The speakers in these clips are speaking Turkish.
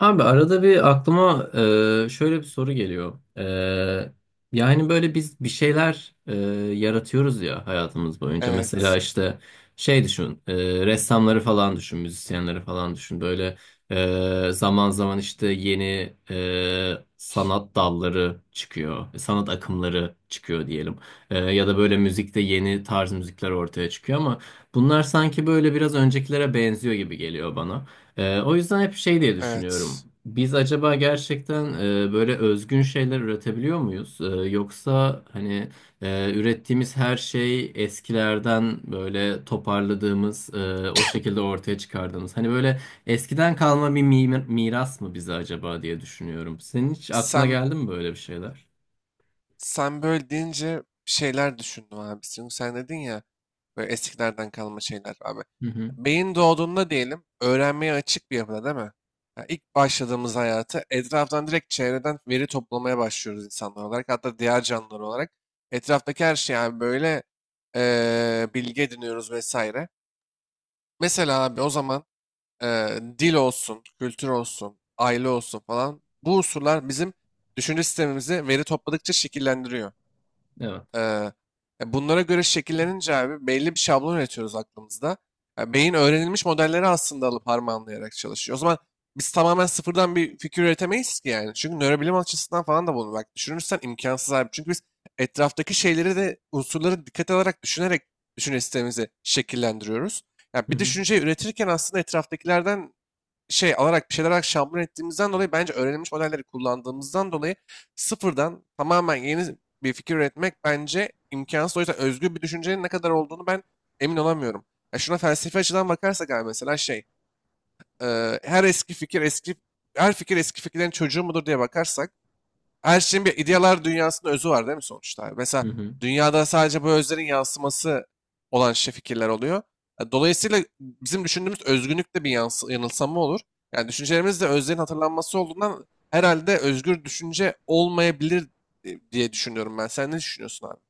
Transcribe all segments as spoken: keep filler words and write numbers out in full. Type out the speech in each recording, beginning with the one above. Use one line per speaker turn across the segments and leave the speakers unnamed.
Abi arada bir aklıma e, şöyle bir soru geliyor. E, yani böyle biz bir şeyler e, yaratıyoruz ya hayatımız boyunca. Mesela
Evet,
işte şey düşün, e, ressamları falan düşün, müzisyenleri falan düşün. Böyle e, zaman zaman işte yeni e, sanat dalları çıkıyor, sanat akımları çıkıyor diyelim. E, ya da böyle müzikte yeni tarz müzikler ortaya çıkıyor ama bunlar sanki böyle biraz öncekilere benziyor gibi geliyor bana. Ee, o yüzden hep şey diye düşünüyorum.
evet.
Biz acaba gerçekten e, böyle özgün şeyler üretebiliyor muyuz? Ee, yoksa hani e, ürettiğimiz her şey eskilerden böyle toparladığımız, e, o şekilde ortaya çıkardığımız. Hani böyle eskiden kalma bir mi- miras mı bize acaba diye düşünüyorum. Senin hiç aklına
Sen
geldi mi böyle bir şeyler?
sen böyle deyince bir şeyler düşündüm abi. Çünkü sen dedin ya böyle eskilerden kalma şeyler abi.
Hı hı.
Beyin doğduğunda diyelim öğrenmeye açık bir yapıda değil mi? Ya ilk başladığımız hayatı etraftan direkt çevreden veri toplamaya başlıyoruz insanlar olarak. Hatta diğer canlılar olarak. Etraftaki her şey abi böyle eee, bilgi ediniyoruz vesaire. Mesela abi o zaman e, dil olsun, kültür olsun, aile olsun falan bu unsurlar bizim düşünce sistemimizi veri topladıkça şekillendiriyor.
Evet.
E, e, Bunlara göre şekillenince abi belli bir şablon üretiyoruz aklımızda. Ya beyin öğrenilmiş modelleri aslında alıp harmanlayarak çalışıyor. O zaman biz tamamen sıfırdan bir fikir üretemeyiz ki yani. Çünkü nörobilim açısından falan da bunu bak düşünürsen imkansız abi. Çünkü biz etraftaki şeyleri de unsurları dikkat alarak düşünerek düşünce sistemimizi şekillendiriyoruz. Ya
Hı
bir
hı.
düşünceyi üretirken aslında etraftakilerden şey alarak bir şeyler alarak şampiyon ettiğimizden dolayı bence öğrenilmiş modelleri kullandığımızdan dolayı sıfırdan tamamen yeni bir fikir üretmek bence imkansız. O yüzden özgür bir düşüncenin ne kadar olduğunu ben emin olamıyorum. Ya şuna felsefi açıdan bakarsak abi mesela şey e, her eski fikir eski her fikir eski fikirlerin çocuğu mudur diye bakarsak her şeyin bir idealar dünyasında özü var değil mi sonuçta, abi? Mesela
Hı hı.
dünyada sadece bu özlerin yansıması olan şey fikirler oluyor. E, Dolayısıyla bizim düşündüğümüz özgünlük de bir yansı- yanılsama olur. Yani düşüncelerimiz de özlerin hatırlanması olduğundan herhalde özgür düşünce olmayabilir e, diye düşünüyorum ben. Sen ne düşünüyorsun abi?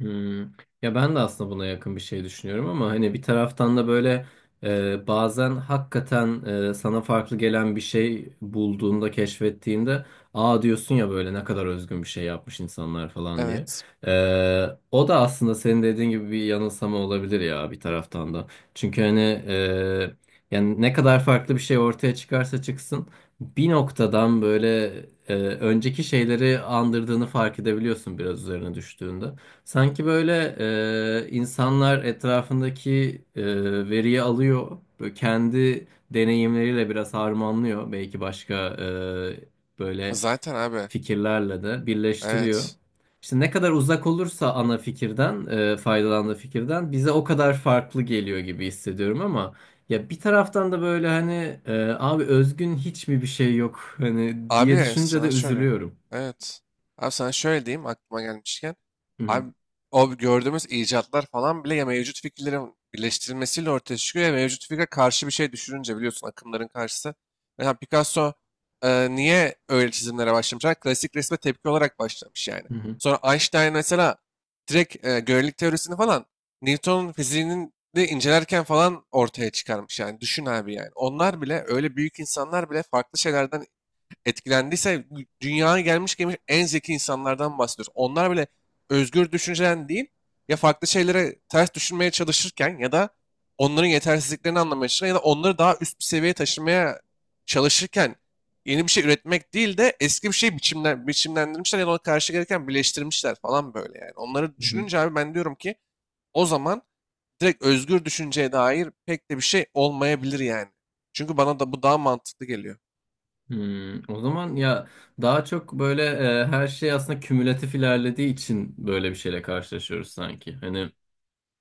Hmm. Ya ben de aslında buna yakın bir şey düşünüyorum ama hani bir taraftan da böyle e, bazen hakikaten e, sana farklı gelen bir şey bulduğunda, keşfettiğinde aa diyorsun ya böyle ne kadar özgün bir şey yapmış insanlar falan diye.
Evet.
E, O da aslında senin dediğin gibi bir yanılsama olabilir ya bir taraftan da. Çünkü hani e, yani ne kadar farklı bir şey ortaya çıkarsa çıksın bir noktadan böyle e, önceki şeyleri andırdığını fark edebiliyorsun biraz üzerine düştüğünde. Sanki böyle e, insanlar etrafındaki e, veriyi alıyor, böyle kendi deneyimleriyle biraz harmanlıyor, belki başka e, böyle
Zaten abi.
fikirlerle de birleştiriyor.
Evet.
İşte ne kadar uzak olursa ana fikirden, e, faydalandığı fikirden bize o kadar farklı geliyor gibi hissediyorum ama ya bir taraftan da böyle hani e, abi özgün hiç mi bir şey yok hani diye
Abi
düşünce de
sana şöyle.
üzülüyorum.
Evet. Abi sana şöyle diyeyim aklıma gelmişken.
Hı hı.
Abi o gördüğümüz icatlar falan bile ya mevcut fikirlerin birleştirilmesiyle ortaya çıkıyor ya mevcut fikre karşı bir şey düşününce biliyorsun akımların karşısı. Mesela Picasso e, niye öyle çizimlere başlamış? Ha, klasik resme tepki olarak başlamış yani.
Hı
Sonra Einstein mesela direkt e, görelilik teorisini falan Newton'un fiziğinin de incelerken falan ortaya çıkarmış yani. Düşün abi yani. Onlar bile öyle büyük insanlar bile farklı şeylerden etkilendiyse dünyaya gelmiş gelmiş en zeki insanlardan bahsediyoruz. Onlar bile özgür düşünceden değil ya farklı şeylere ters düşünmeye çalışırken ya da onların yetersizliklerini anlamaya çalışırken ya da onları daha üst bir seviyeye taşımaya çalışırken yeni bir şey üretmek değil de eski bir şey biçimlen, biçimlendirmişler ya da ona karşı gereken birleştirmişler falan böyle yani. Onları
hı.
düşününce abi ben diyorum ki o zaman direkt özgür düşünceye dair pek de bir şey olmayabilir yani. Çünkü bana da bu daha mantıklı geliyor.
Hmm, o zaman ya daha çok böyle e, her şey aslında kümülatif ilerlediği için böyle bir şeyle karşılaşıyoruz sanki. Hani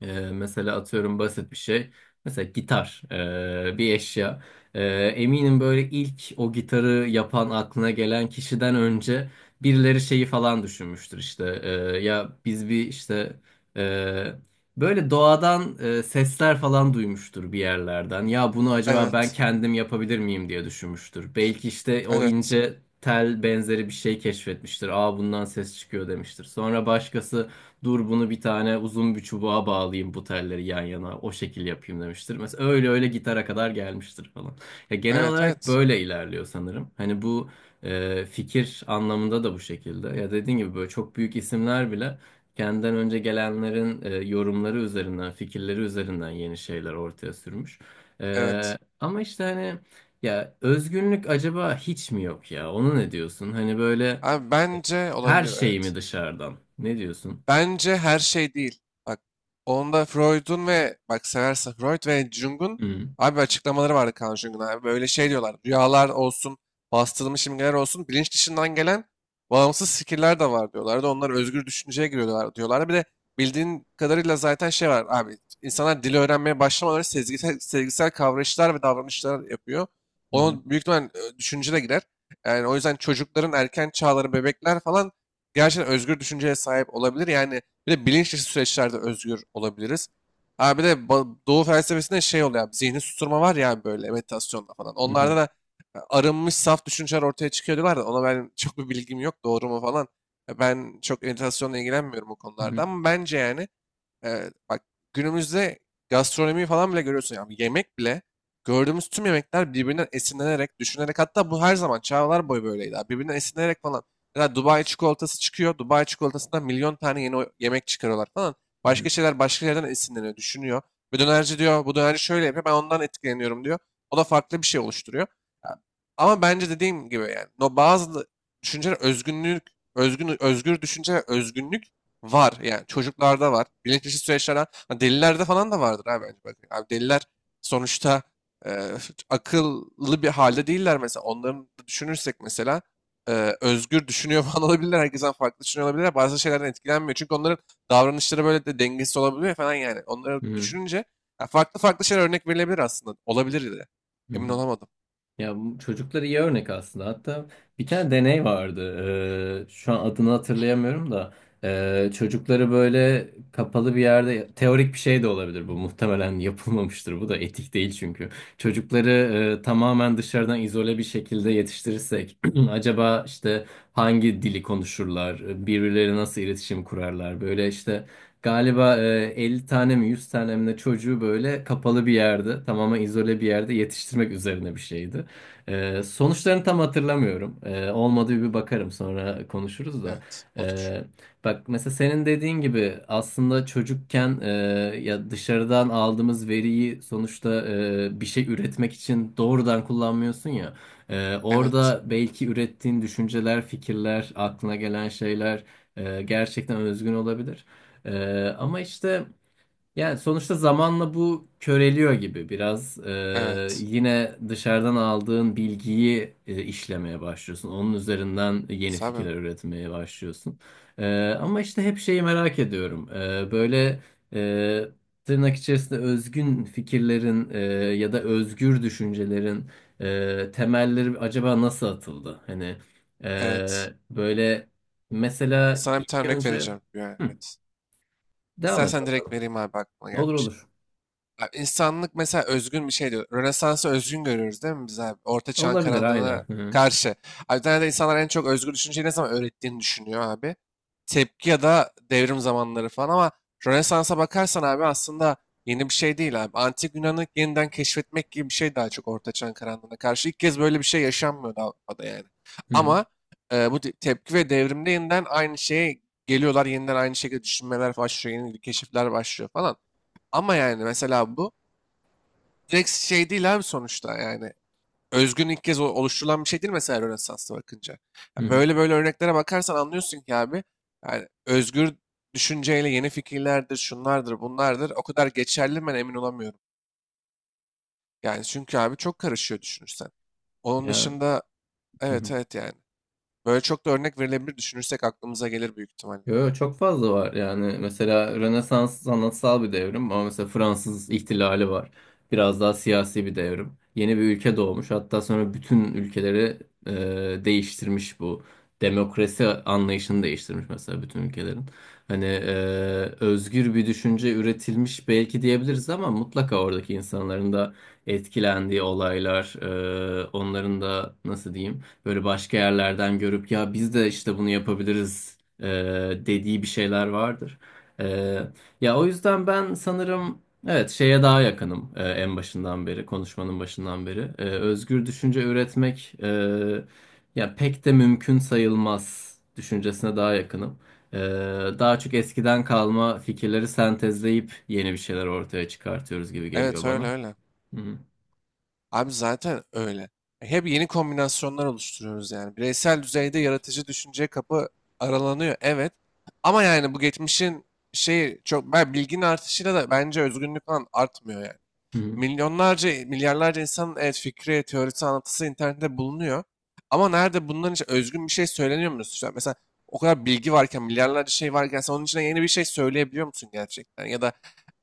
ee, mesela atıyorum basit bir şey. Mesela gitar, ee, bir eşya. Ee, Eminim böyle ilk o gitarı yapan aklına gelen kişiden önce birileri şeyi falan düşünmüştür işte. Ee, ya biz bir işte ee, böyle doğadan ee, sesler falan duymuştur bir yerlerden. Ya bunu acaba ben
Evet,
kendim yapabilir miyim diye düşünmüştür. Belki işte o
evet.
ince tel benzeri bir şey keşfetmiştir. Aa bundan ses çıkıyor demiştir. Sonra başkası dur bunu bir tane uzun bir çubuğa bağlayayım bu telleri yan yana o şekil yapayım demiştir. Mesela öyle öyle gitara kadar gelmiştir falan. Ya genel
Evet
olarak
evet.
böyle ilerliyor sanırım. Hani bu e, fikir anlamında da bu şekilde. Ya dediğin gibi böyle çok büyük isimler bile kendinden önce gelenlerin e, yorumları üzerinden, fikirleri üzerinden yeni şeyler ortaya sürmüş. E,
Evet.
ama işte hani ya özgünlük acaba hiç mi yok ya? Onu ne diyorsun? Hani böyle
Abi
e,
bence
her
olabilir,
şey
evet.
mi dışarıdan? Ne diyorsun?
Bence her şey değil. Bak, onda Freud'un ve bak seversen Freud ve Jung'un
Hı
abi açıklamaları vardı, Carl Jung'un abi. Böyle şey diyorlar. Rüyalar olsun, bastırılmış imgeler olsun, bilinç dışından gelen bağımsız fikirler de var diyorlardı. Onlar özgür düşünceye giriyorlar diyorlar. Bir de bildiğin kadarıyla zaten şey var abi. İnsanlar dili öğrenmeye başlamaları sezgisel, sezgisel kavrayışlar ve davranışlar yapıyor.
hı,
Onun büyük ihtimal e, düşünce de girer. Yani o yüzden çocukların erken çağları, bebekler falan gerçekten özgür düşünceye sahip olabilir. Yani bir de bilinç dışı süreçlerde özgür olabiliriz. Abi de ba- Doğu felsefesinde şey oluyor abi, zihni susturma var ya abi böyle meditasyonda falan.
hı
Onlarda
hı,
da e, arınmış saf düşünceler ortaya çıkıyor diyorlar da ona ben çok bir bilgim yok doğru mu falan. E, Ben çok meditasyonla ilgilenmiyorum bu konularda
hı
ama bence yani Eee, bak, günümüzde gastronomi falan bile görüyorsun. Yani yemek bile gördüğümüz tüm yemekler birbirinden esinlenerek, düşünerek, hatta bu her zaman çağlar boyu böyleydi abi. Birbirinden esinlenerek falan. Mesela Dubai çikolatası çıkıyor. Dubai çikolatasından milyon tane yeni o- yemek çıkarıyorlar falan.
hı,
Başka şeyler başka yerden esinleniyor, düşünüyor. Ve dönerci diyor bu dönerci şöyle yapıyor ben ondan etkileniyorum diyor. O da farklı bir şey oluşturuyor. Ya, ama bence dediğim gibi yani no, bazı düşünceler özgünlük, özgün, özgür düşünce ve özgünlük var yani, çocuklarda var. Bilinç dışı süreçlerden ha, delilerde falan da vardır abi bence. Abi deliler sonuçta e, akıllı bir halde değiller mesela. Onların da düşünürsek mesela e, özgür düşünüyor falan olabilirler. Herkesten farklı düşünüyor olabilirler. Bazı şeylerden etkilenmiyor. Çünkü onların davranışları böyle de dengesiz olabiliyor falan yani. Onları
hı
düşününce ya farklı farklı şeyler örnek verilebilir aslında. Olabilir de.
hı,
Emin
hı.
olamadım.
Ya bu çocuklara iyi örnek aslında. Hatta bir tane deney vardı. Ee, şu an adını hatırlayamıyorum da ee, çocukları böyle kapalı bir yerde teorik bir şey de olabilir bu. Muhtemelen yapılmamıştır. Bu da etik değil çünkü. Çocukları e, tamamen dışarıdan izole bir şekilde yetiştirirsek acaba işte hangi dili konuşurlar? Birbirleri nasıl iletişim kurarlar? Böyle işte galiba e, elli tane mi yüz tane mi ne çocuğu böyle kapalı bir yerde tamamen izole bir yerde yetiştirmek üzerine bir şeydi. Ee, sonuçlarını tam hatırlamıyorum. Ee, olmadı bir bakarım sonra konuşuruz da.
Evet, olur.
Ee, Bak mesela senin dediğin gibi aslında çocukken e, ya dışarıdan aldığımız veriyi sonuçta e, bir şey üretmek için doğrudan kullanmıyorsun ya. Ee,
Evet,
orada belki ürettiğin düşünceler, fikirler, aklına gelen şeyler e, gerçekten özgün olabilir. Ee, ama işte. Yani sonuçta zamanla bu köreliyor gibi biraz. Ee,
evet.
yine dışarıdan aldığın bilgiyi e, işlemeye başlıyorsun. Onun üzerinden yeni
Sabi,
fikirler üretmeye başlıyorsun. Ee, ama işte hep şeyi merak ediyorum. Ee, böyle e, tırnak içerisinde özgün fikirlerin e, ya da özgür düşüncelerin e, temelleri acaba nasıl atıldı? Hani
evet.
e, böyle mesela
Sana bir
ilk
tane örnek
önce.
vereceğim. Yani,
Hı,
evet.
devam et
İstersen direkt
bakalım.
vereyim abi aklıma
Olur
gelmişken.
olur.
Abi insanlık mesela özgün bir şey diyor. Rönesans'ı özgün görüyoruz değil mi biz abi? Orta çağın
Olabilir aynen.
karanlığına
Hı hı,
karşı. Abi bir tane de insanlar en çok özgür düşünceyi ne zaman öğrettiğini düşünüyor abi. Tepki ya da devrim zamanları falan ama Rönesans'a bakarsan abi aslında yeni bir şey değil abi. Antik Yunan'ı yeniden keşfetmek gibi bir şey, daha çok Orta Çağın karanlığına karşı. İlk kez böyle bir şey yaşanmıyordu Avrupa'da yani.
hı hı,
Ama e, bu te- tepki ve devrimde yeniden aynı şeye geliyorlar. Yeniden aynı şekilde düşünmeler başlıyor. Yeni keşifler başlıyor falan. Ama yani mesela bu direkt şey değil abi sonuçta yani. Özgün ilk kez o- oluşturulan bir şey değil mesela Rönesans'ta bakınca.
hı
Yani
hı.
böyle böyle örneklere bakarsan anlıyorsun ki abi yani özgür düşünceyle yeni fikirlerdir, şunlardır, bunlardır o kadar geçerli mi ben emin olamıyorum. Yani çünkü abi çok karışıyor düşünürsen. Onun
Ya.
dışında
Hı
evet
hı.
evet yani. Böyle çok da örnek verilebilir düşünürsek aklımıza gelir büyük ihtimalle.
Yo, yo, çok fazla var yani mesela Rönesans sanatsal bir devrim ama mesela Fransız ihtilali var. Biraz daha siyasi bir devrim. Yeni bir ülke doğmuş hatta sonra bütün ülkeleri e, değiştirmiş bu. Demokrasi anlayışını değiştirmiş mesela bütün ülkelerin. Hani e, özgür bir düşünce üretilmiş belki diyebiliriz ama mutlaka oradaki insanların da etkilendiği olaylar, e, onların da nasıl diyeyim böyle başka yerlerden görüp ya biz de işte bunu yapabiliriz e, dediği bir şeyler vardır. E, Ya o yüzden ben sanırım evet şeye daha yakınım e, en başından beri konuşmanın başından beri. E, özgür düşünce üretmek e, ya pek de mümkün sayılmaz düşüncesine daha yakınım. E, Daha çok eskiden kalma fikirleri sentezleyip yeni bir şeyler ortaya çıkartıyoruz gibi geliyor
Evet öyle
bana.
öyle.
Hı hı,
Abi zaten öyle. E, Hep yeni kombinasyonlar oluşturuyoruz yani. Bireysel düzeyde yaratıcı düşünce kapı aralanıyor. Evet. Ama yani bu geçmişin şeyi çok, ben bilginin artışıyla da bence özgünlük falan artmıyor yani.
hı
Milyonlarca, milyarlarca insanın evet, fikri, teorisi, anlatısı internette bulunuyor. Ama nerede bunların için özgün bir şey söyleniyor musun? Mesela mesela o kadar bilgi varken, milyarlarca şey varken sen onun içine yeni bir şey söyleyebiliyor musun gerçekten? Ya da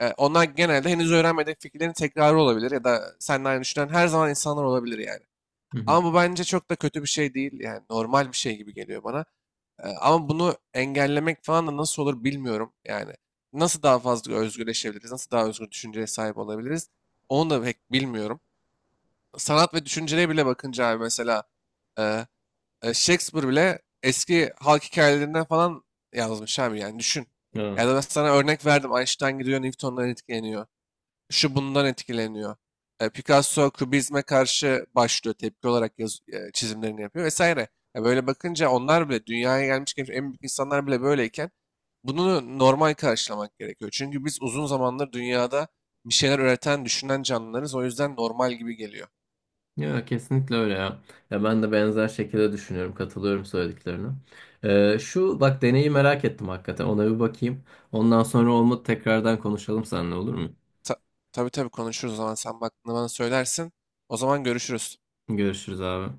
e, onlar genelde henüz öğrenmediğin fikirlerin tekrarı olabilir ya da seninle aynı düşünen her zaman insanlar olabilir yani.
hı,
Ama bu bence çok da kötü bir şey değil yani, normal bir şey gibi geliyor bana. Ee, Ama bunu engellemek falan da nasıl olur bilmiyorum. Yani nasıl daha fazla özgürleşebiliriz, nasıl daha özgür düşünceye sahip olabiliriz onu da pek bilmiyorum. Sanat ve düşünceye bile bakınca abi mesela e, e, Shakespeare bile eski halk hikayelerinden falan yazmış abi yani düşün.
hı hı.
Ya da ben sana örnek verdim, Einstein gidiyor Newton'dan etkileniyor, şu bundan etkileniyor. E, Picasso Kubizme karşı başlıyor, tepki olarak yaz, e, çizimlerini yapıyor vesaire. Ya böyle bakınca onlar bile dünyaya gelmiş geçmiş en büyük insanlar bile böyleyken bunu normal karşılamak gerekiyor. Çünkü biz uzun zamandır dünyada bir şeyler üreten, düşünen canlılarız. O yüzden normal gibi geliyor.
Ya kesinlikle öyle ya. Ya ben de benzer şekilde düşünüyorum. Katılıyorum söylediklerine. Ee, şu bak deneyi merak ettim hakikaten. Ona bir bakayım. Ondan sonra olmadı tekrardan konuşalım seninle olur mu?
Ta tabii tabii konuşuruz o zaman sen baktığında bana söylersin. O zaman görüşürüz.
Görüşürüz abi.